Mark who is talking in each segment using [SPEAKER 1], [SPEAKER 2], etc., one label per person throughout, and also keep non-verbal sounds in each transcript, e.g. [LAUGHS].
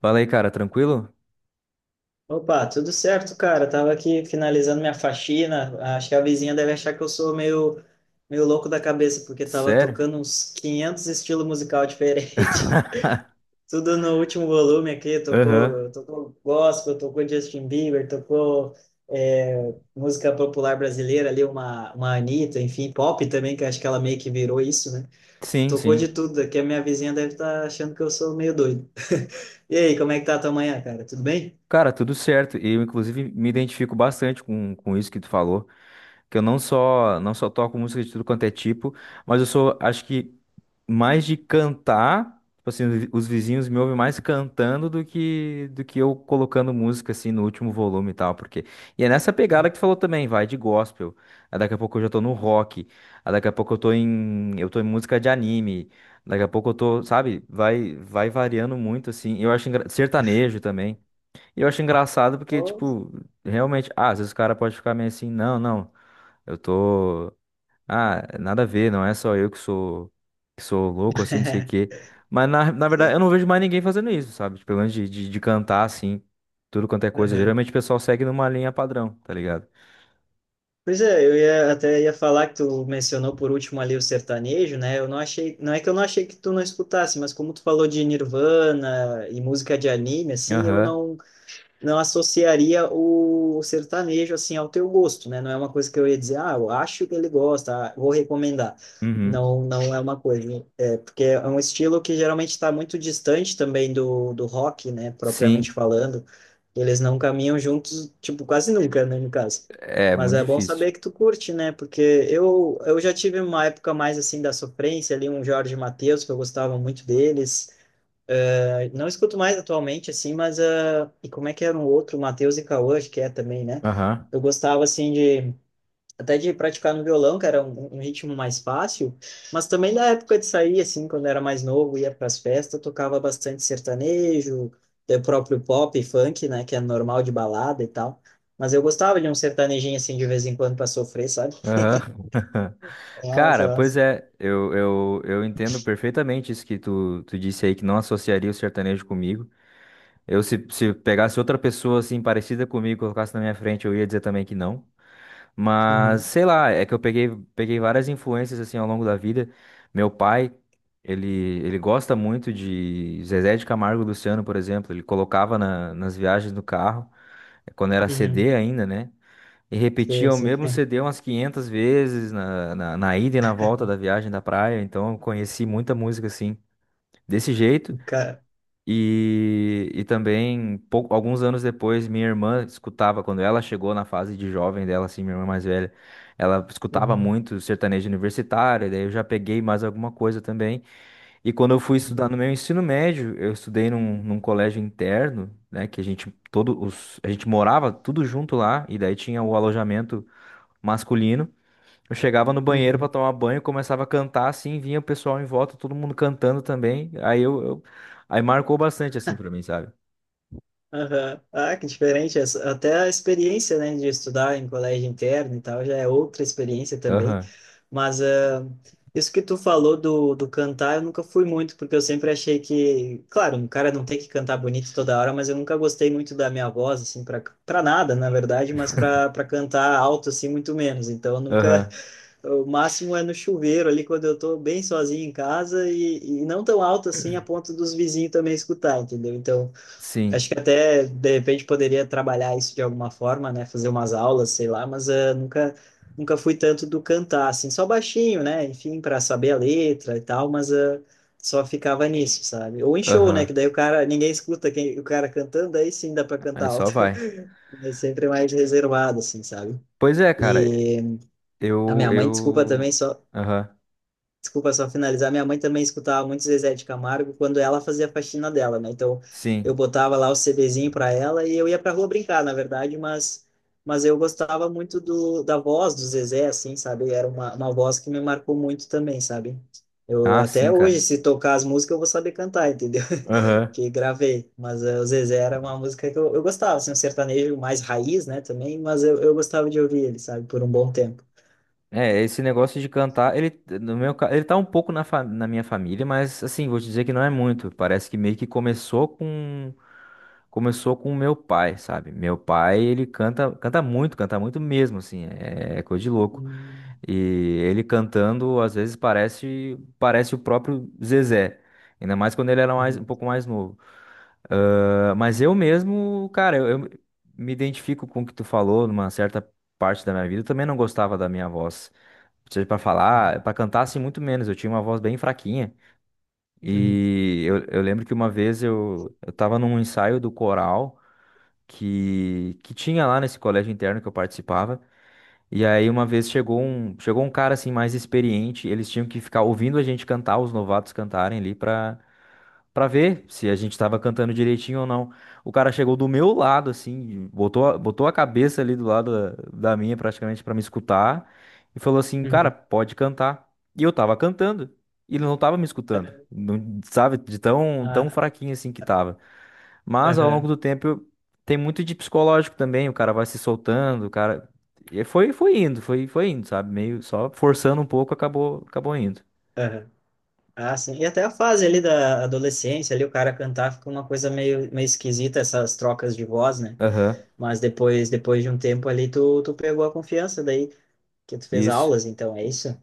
[SPEAKER 1] Fala aí, cara, tranquilo?
[SPEAKER 2] Opa, tudo certo, cara? Tava aqui finalizando minha faxina. Acho que a vizinha deve achar que eu sou meio louco da cabeça, porque tava
[SPEAKER 1] Sério?
[SPEAKER 2] tocando uns 500 estilos musical diferentes.
[SPEAKER 1] [LAUGHS]
[SPEAKER 2] [LAUGHS] Tudo no último volume aqui.
[SPEAKER 1] Aham.
[SPEAKER 2] Tocou gospel, tocou Justin Bieber, tocou música popular brasileira ali, uma Anitta, enfim, pop também, que acho que ela meio que virou isso, né?
[SPEAKER 1] Sim,
[SPEAKER 2] Tocou de
[SPEAKER 1] sim.
[SPEAKER 2] tudo. Aqui a minha vizinha deve estar achando que eu sou meio doido. [LAUGHS] E aí, como é que tá a tua manhã, cara? Tudo bem?
[SPEAKER 1] Cara, tudo certo. Eu, inclusive, me identifico bastante com isso que tu falou. Que eu não só toco música de tudo quanto é tipo, mas eu sou, acho que mais de cantar, tipo assim, os vizinhos me ouvem mais cantando do que eu colocando música assim no último volume e tal, porque e é nessa pegada que tu falou também, vai de gospel. Aí daqui a pouco eu já tô no rock, aí daqui a pouco eu tô em música de anime. Daqui a pouco eu tô, sabe? Vai variando muito assim. Eu acho sertanejo também. E eu acho engraçado porque
[SPEAKER 2] Ô,
[SPEAKER 1] tipo, realmente, ah, às vezes o cara pode ficar meio assim, não, não. Eu tô. Ah, nada a ver, não é só eu que sou louco, assim, não sei o
[SPEAKER 2] [LAUGHS]
[SPEAKER 1] quê. Mas na verdade eu
[SPEAKER 2] Sim.
[SPEAKER 1] não vejo mais ninguém fazendo isso, sabe? Tipo, pelo menos de cantar, assim, tudo quanto é coisa.
[SPEAKER 2] Uhum.
[SPEAKER 1] Geralmente o pessoal segue numa linha padrão, tá ligado?
[SPEAKER 2] Pois é, eu ia, até ia falar que tu mencionou por último ali o sertanejo, né? Eu não achei, não é que eu não achei que tu não escutasse, mas como tu falou de Nirvana e música de anime, assim, eu
[SPEAKER 1] Aham.
[SPEAKER 2] não associaria o sertanejo assim ao teu gosto, né? Não é uma coisa que eu ia dizer, ah, eu acho que ele gosta, ah, vou recomendar.
[SPEAKER 1] Uhum.
[SPEAKER 2] Não, não é uma coisa, é porque é um estilo que geralmente está muito distante também do rock, né? Propriamente
[SPEAKER 1] Sim.
[SPEAKER 2] falando, eles não caminham juntos, tipo, quase nunca, né, no caso.
[SPEAKER 1] É
[SPEAKER 2] Mas
[SPEAKER 1] muito
[SPEAKER 2] é bom
[SPEAKER 1] difícil.
[SPEAKER 2] saber que tu curte, né? Porque eu já tive uma época mais assim da sofrência ali, um Jorge Mateus, que eu gostava muito deles. Não escuto mais atualmente, assim, mas... ah, e como é que era um outro? Matheus e Cauã, acho que é também, né?
[SPEAKER 1] Aham.
[SPEAKER 2] Eu gostava, assim, de... Até de praticar no violão, que era um ritmo mais fácil. Mas também da época de sair, assim, quando era mais novo, ia para as festas, tocava bastante sertanejo, o próprio pop e funk, né? Que é normal de balada e tal. Mas eu gostava de um sertanejinho, assim, de vez em quando para sofrer, sabe?
[SPEAKER 1] Aham. [LAUGHS]
[SPEAKER 2] Nossa,
[SPEAKER 1] Cara, pois
[SPEAKER 2] nossa.
[SPEAKER 1] é, eu entendo perfeitamente isso que tu disse aí, que não associaria o sertanejo comigo. Eu, se pegasse outra pessoa assim parecida comigo, colocasse na minha frente, eu ia dizer também que não.
[SPEAKER 2] Uhum.
[SPEAKER 1] Mas sei lá, é que eu peguei várias influências assim ao longo da vida. Meu pai, ele, ele gosta muito de Zezé de Camargo e Luciano, por exemplo. Ele colocava nas viagens do carro, quando era
[SPEAKER 2] Uhum.
[SPEAKER 1] CD ainda, né? E
[SPEAKER 2] Sim,
[SPEAKER 1] repetia o
[SPEAKER 2] sim.
[SPEAKER 1] mesmo
[SPEAKER 2] [LAUGHS]
[SPEAKER 1] CD umas 500 vezes na ida e na volta da viagem da praia. Então eu conheci muita música assim, desse jeito.
[SPEAKER 2] O Cara.
[SPEAKER 1] E também, alguns anos depois, minha irmã escutava, quando ela chegou na fase de jovem dela, assim, minha irmã mais velha, ela escutava
[SPEAKER 2] Uhum.
[SPEAKER 1] muito sertanejo universitário, daí eu já peguei mais alguma coisa também. E quando eu fui estudar no meu ensino médio, eu estudei num colégio interno, né, que a gente morava tudo junto lá, e daí tinha o alojamento masculino. Eu chegava no banheiro
[SPEAKER 2] Uhum.
[SPEAKER 1] pra tomar banho, começava a cantar assim, vinha o pessoal em volta, todo mundo cantando também. Aí marcou bastante assim pra mim, sabe?
[SPEAKER 2] Aham. Ah, que diferente. Até a experiência, né, de estudar em colégio interno e tal, já é outra experiência também.
[SPEAKER 1] Aham.
[SPEAKER 2] Mas ah, isso que tu falou do cantar, eu nunca fui muito, porque eu sempre achei que, claro, um cara não tem que cantar bonito toda hora, mas eu nunca gostei muito da minha voz, assim, para para nada, na verdade, mas para cantar alto, assim, muito menos. Então, eu nunca.
[SPEAKER 1] Aham.
[SPEAKER 2] [LAUGHS] O máximo é no chuveiro ali, quando eu tô bem sozinho em casa e não tão alto assim a ponto dos vizinhos também escutar, entendeu? Então. Acho
[SPEAKER 1] Sim.
[SPEAKER 2] que até, de repente, poderia trabalhar isso de alguma forma, né? Fazer umas aulas, sei lá, mas nunca fui tanto do cantar, assim, só baixinho, né? Enfim, para saber a letra e tal, mas só ficava nisso, sabe? Ou em show, né?
[SPEAKER 1] Aham.
[SPEAKER 2] Que daí o cara, ninguém escuta quem, o cara cantando, aí sim dá para
[SPEAKER 1] Aí
[SPEAKER 2] cantar
[SPEAKER 1] só
[SPEAKER 2] alto.
[SPEAKER 1] vai.
[SPEAKER 2] [LAUGHS] É sempre mais reservado, assim, sabe?
[SPEAKER 1] Pois é, cara.
[SPEAKER 2] E a minha mãe, desculpa também,
[SPEAKER 1] Eu
[SPEAKER 2] só.
[SPEAKER 1] Aham.
[SPEAKER 2] Desculpa só finalizar. Minha mãe também escutava muito Zezé de Camargo quando ela fazia a faxina dela, né? Então eu
[SPEAKER 1] Sim.
[SPEAKER 2] botava lá o CDzinho para ela e eu ia para rua brincar, na verdade, mas eu gostava muito do da voz do Zezé, assim, sabe? Era uma voz que me marcou muito também, sabe? Eu
[SPEAKER 1] Ah,
[SPEAKER 2] até
[SPEAKER 1] sim,
[SPEAKER 2] hoje,
[SPEAKER 1] cara.
[SPEAKER 2] se tocar as músicas, eu vou saber cantar, entendeu? [LAUGHS]
[SPEAKER 1] Aham.
[SPEAKER 2] Que gravei. Mas eh, o Zezé era uma música que eu gostava, assim, um sertanejo mais raiz, né, também, mas eu gostava de ouvir ele, sabe, por um bom tempo.
[SPEAKER 1] É, esse negócio de cantar, ele no meu, ca- ele tá um pouco na minha família, mas assim, vou te dizer que não é muito. Parece que meio que começou com o meu pai, sabe? Meu pai, ele canta, canta muito mesmo, assim, é coisa de louco.
[SPEAKER 2] Hum,
[SPEAKER 1] E ele cantando, às vezes parece o próprio Zezé, ainda mais quando ele era mais,
[SPEAKER 2] uhum,
[SPEAKER 1] um pouco mais novo. Ah, mas eu mesmo, cara, eu me identifico com o que tu falou numa certa parte da minha vida. Eu também não gostava da minha voz, seja pra
[SPEAKER 2] uhum,
[SPEAKER 1] falar, pra cantar assim muito menos. Eu tinha uma voz bem fraquinha.
[SPEAKER 2] uhum,
[SPEAKER 1] E eu lembro que uma vez eu tava num ensaio do coral que tinha lá nesse colégio interno que eu participava. E aí uma vez chegou um cara assim mais experiente, eles tinham que ficar ouvindo a gente cantar, os novatos cantarem ali pra ver se a gente tava cantando direitinho ou não. O cara chegou do meu lado, assim, botou a cabeça ali do lado da minha, praticamente, pra me escutar, e falou assim, cara,
[SPEAKER 2] uhum.
[SPEAKER 1] pode cantar. E eu tava cantando, e ele não tava me escutando, não, sabe, de tão, tão
[SPEAKER 2] Ah,
[SPEAKER 1] fraquinho assim que tava. Mas ao longo
[SPEAKER 2] aham,
[SPEAKER 1] do tempo, tem muito de psicológico também, o cara vai se soltando, o cara. E foi indo, foi indo, sabe? Meio só forçando um pouco, acabou indo.
[SPEAKER 2] aham. Ah, sim. E até a fase ali da adolescência, ali o cara cantar fica uma coisa meio esquisita, essas trocas de voz, né?
[SPEAKER 1] Aham.
[SPEAKER 2] Mas depois de um tempo ali, tu pegou a confiança daí, que tu fez
[SPEAKER 1] Isso.
[SPEAKER 2] aulas, então, é isso?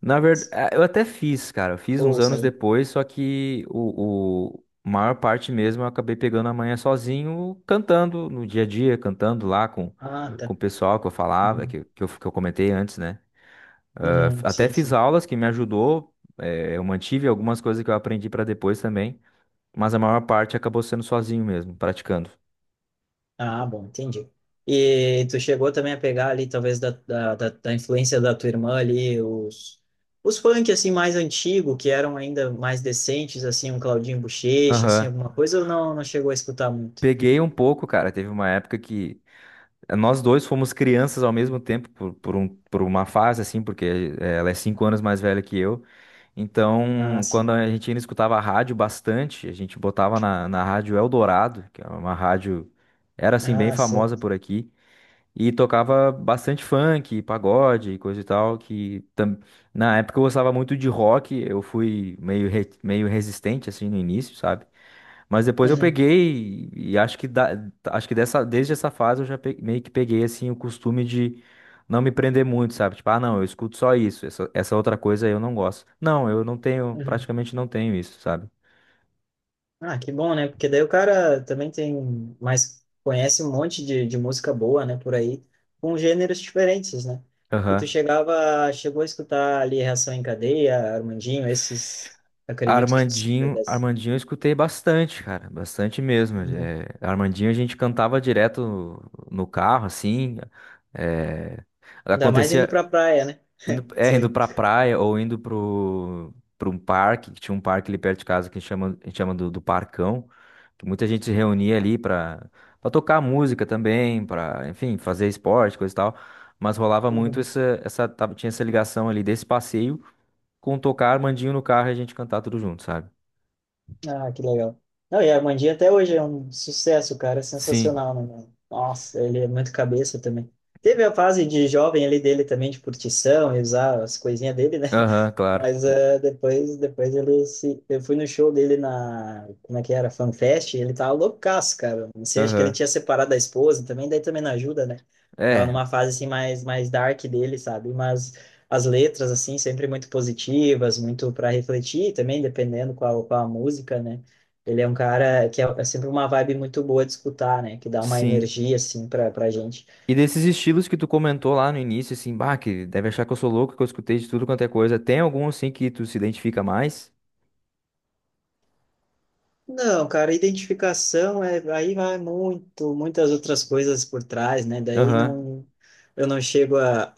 [SPEAKER 1] Na verdade, eu até fiz, cara. Eu fiz uns
[SPEAKER 2] Ou, sei
[SPEAKER 1] anos
[SPEAKER 2] lá.
[SPEAKER 1] depois, só que o maior parte mesmo eu acabei pegando a manhã sozinho, cantando no dia a dia, cantando lá com,
[SPEAKER 2] Ah,
[SPEAKER 1] com
[SPEAKER 2] tá.
[SPEAKER 1] o pessoal que eu falava,
[SPEAKER 2] Uhum.
[SPEAKER 1] que eu comentei antes, né?
[SPEAKER 2] Uhum,
[SPEAKER 1] Até
[SPEAKER 2] sim,
[SPEAKER 1] fiz
[SPEAKER 2] sim.
[SPEAKER 1] aulas que me ajudou, eu mantive algumas coisas que eu aprendi pra depois também, mas a maior parte acabou sendo sozinho mesmo, praticando.
[SPEAKER 2] Ah, bom, entendi. E tu chegou também a pegar ali, talvez, da influência da tua irmã ali, os funk, assim, mais antigo, que eram ainda mais decentes, assim, um Claudinho Buchecha, assim,
[SPEAKER 1] Aham.
[SPEAKER 2] alguma coisa, ou não, não chegou a escutar muito?
[SPEAKER 1] Peguei um pouco, cara. Teve uma época que nós dois fomos crianças ao mesmo tempo por uma fase, assim, porque ela é 5 anos mais velha que eu.
[SPEAKER 2] Ah,
[SPEAKER 1] Então,
[SPEAKER 2] sim.
[SPEAKER 1] quando a gente ainda escutava a rádio bastante, a gente botava na rádio Eldorado, que é uma rádio, era assim, bem
[SPEAKER 2] Ah, sim.
[SPEAKER 1] famosa por aqui. E tocava bastante funk, pagode, e coisa e tal, na época eu gostava muito de rock, eu fui meio resistente assim no início, sabe? Mas depois eu
[SPEAKER 2] Uhum,
[SPEAKER 1] peguei e acho que dessa desde essa fase eu já meio que peguei assim o costume de não me prender muito, sabe? Tipo, ah, não, eu escuto só isso, essa outra coisa eu não gosto. Não, eu não tenho,
[SPEAKER 2] uhum.
[SPEAKER 1] praticamente não tenho isso, sabe?
[SPEAKER 2] Ah, que bom, né? Porque daí o cara também tem mais, conhece um monte de música boa, né, por aí, com gêneros diferentes, né? E tu
[SPEAKER 1] Aham.
[SPEAKER 2] chegava, chegou a escutar ali Reação em Cadeia, Armandinho, esses, acredito que tu seja
[SPEAKER 1] Armandinho,
[SPEAKER 2] dessa.
[SPEAKER 1] Armandinho eu escutei bastante, cara, bastante mesmo.
[SPEAKER 2] Uhum.
[SPEAKER 1] É, Armandinho a gente cantava direto no carro, assim. É,
[SPEAKER 2] Ainda mais indo
[SPEAKER 1] acontecia
[SPEAKER 2] pra praia, né?
[SPEAKER 1] indo, é, indo
[SPEAKER 2] Sei.
[SPEAKER 1] pra praia ou indo pro um parque, que tinha um parque ali perto de casa que chama, a gente chama do Parcão, que muita gente se reunia ali pra tocar música também, pra, enfim, fazer esporte, coisa e tal. Mas rolava muito
[SPEAKER 2] Uhum.
[SPEAKER 1] tinha essa ligação ali desse passeio com tocar Armandinho no carro e a gente cantar tudo junto, sabe?
[SPEAKER 2] Ah, que legal. Não, e Armandinho até hoje é um sucesso, cara, é
[SPEAKER 1] Sim.
[SPEAKER 2] sensacional, né, mano? Nossa, ele é muito cabeça também. Teve a fase de jovem ali dele também, de curtição e usar as coisinhas dele, né?
[SPEAKER 1] Aham, claro.
[SPEAKER 2] Mas é, depois ele se. Eu fui no show dele na. Como é que era? FanFest, ele tava loucaço, cara. Não sei, acho que ele
[SPEAKER 1] Aham.
[SPEAKER 2] tinha separado da esposa também, daí também não ajuda, né? Tava
[SPEAKER 1] É,
[SPEAKER 2] numa fase assim mais dark dele, sabe? Mas as letras, assim, sempre muito positivas, muito para refletir também, dependendo qual a música, né? Ele é um cara que é, é sempre uma vibe muito boa de escutar, né? Que dá uma
[SPEAKER 1] sim.
[SPEAKER 2] energia, assim, pra, pra gente.
[SPEAKER 1] E desses estilos que tu comentou lá no início, assim, bah, que deve achar que eu sou louco, que eu escutei de tudo quanto é coisa. Tem algum, assim, que tu se identifica mais?
[SPEAKER 2] Não, cara, identificação é aí vai muito, muitas outras coisas por trás, né? Daí
[SPEAKER 1] Aham.
[SPEAKER 2] não eu não chego a,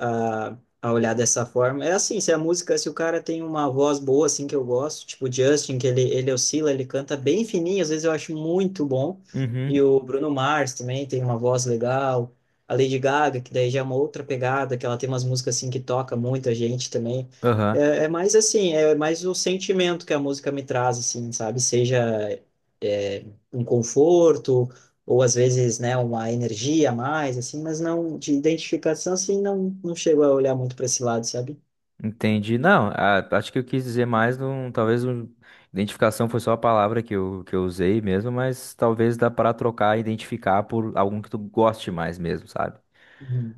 [SPEAKER 2] a olhar dessa forma. É assim, se a música, se o cara tem uma voz boa assim que eu gosto, tipo o Justin, que ele oscila, ele canta bem fininho, às vezes eu acho muito bom. E
[SPEAKER 1] Uhum.
[SPEAKER 2] o Bruno Mars também tem uma voz legal. A Lady Gaga, que daí já é uma outra pegada, que ela tem umas músicas assim que toca muita gente também.
[SPEAKER 1] Aham.
[SPEAKER 2] É mais assim, é mais o sentimento que a música me traz, assim, sabe? Seja é, um conforto, ou às vezes, né, uma energia a mais, assim, mas não, de identificação, assim, não, não chego a olhar muito para esse lado, sabe?
[SPEAKER 1] Entendi. Não, acho que eu quis dizer mais, identificação foi só a palavra que eu usei mesmo, mas talvez dá pra trocar, identificar por algum que tu goste mais mesmo, sabe?
[SPEAKER 2] Uhum.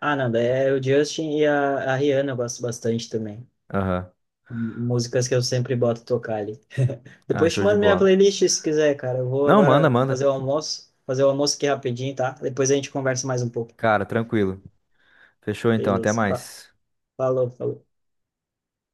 [SPEAKER 2] Ah, não, daí é o Justin e a Rihanna eu gosto bastante também.
[SPEAKER 1] Aham.
[SPEAKER 2] Músicas que eu sempre boto tocar ali.
[SPEAKER 1] Ah,
[SPEAKER 2] Depois te
[SPEAKER 1] show de
[SPEAKER 2] mando minha
[SPEAKER 1] bola.
[SPEAKER 2] playlist se quiser, cara. Eu vou
[SPEAKER 1] Não, manda,
[SPEAKER 2] agora
[SPEAKER 1] manda.
[SPEAKER 2] fazer o almoço aqui rapidinho, tá? Depois a gente conversa mais um pouco.
[SPEAKER 1] Cara, tranquilo. Fechou então, até
[SPEAKER 2] Beleza.
[SPEAKER 1] mais.
[SPEAKER 2] Falou, falou.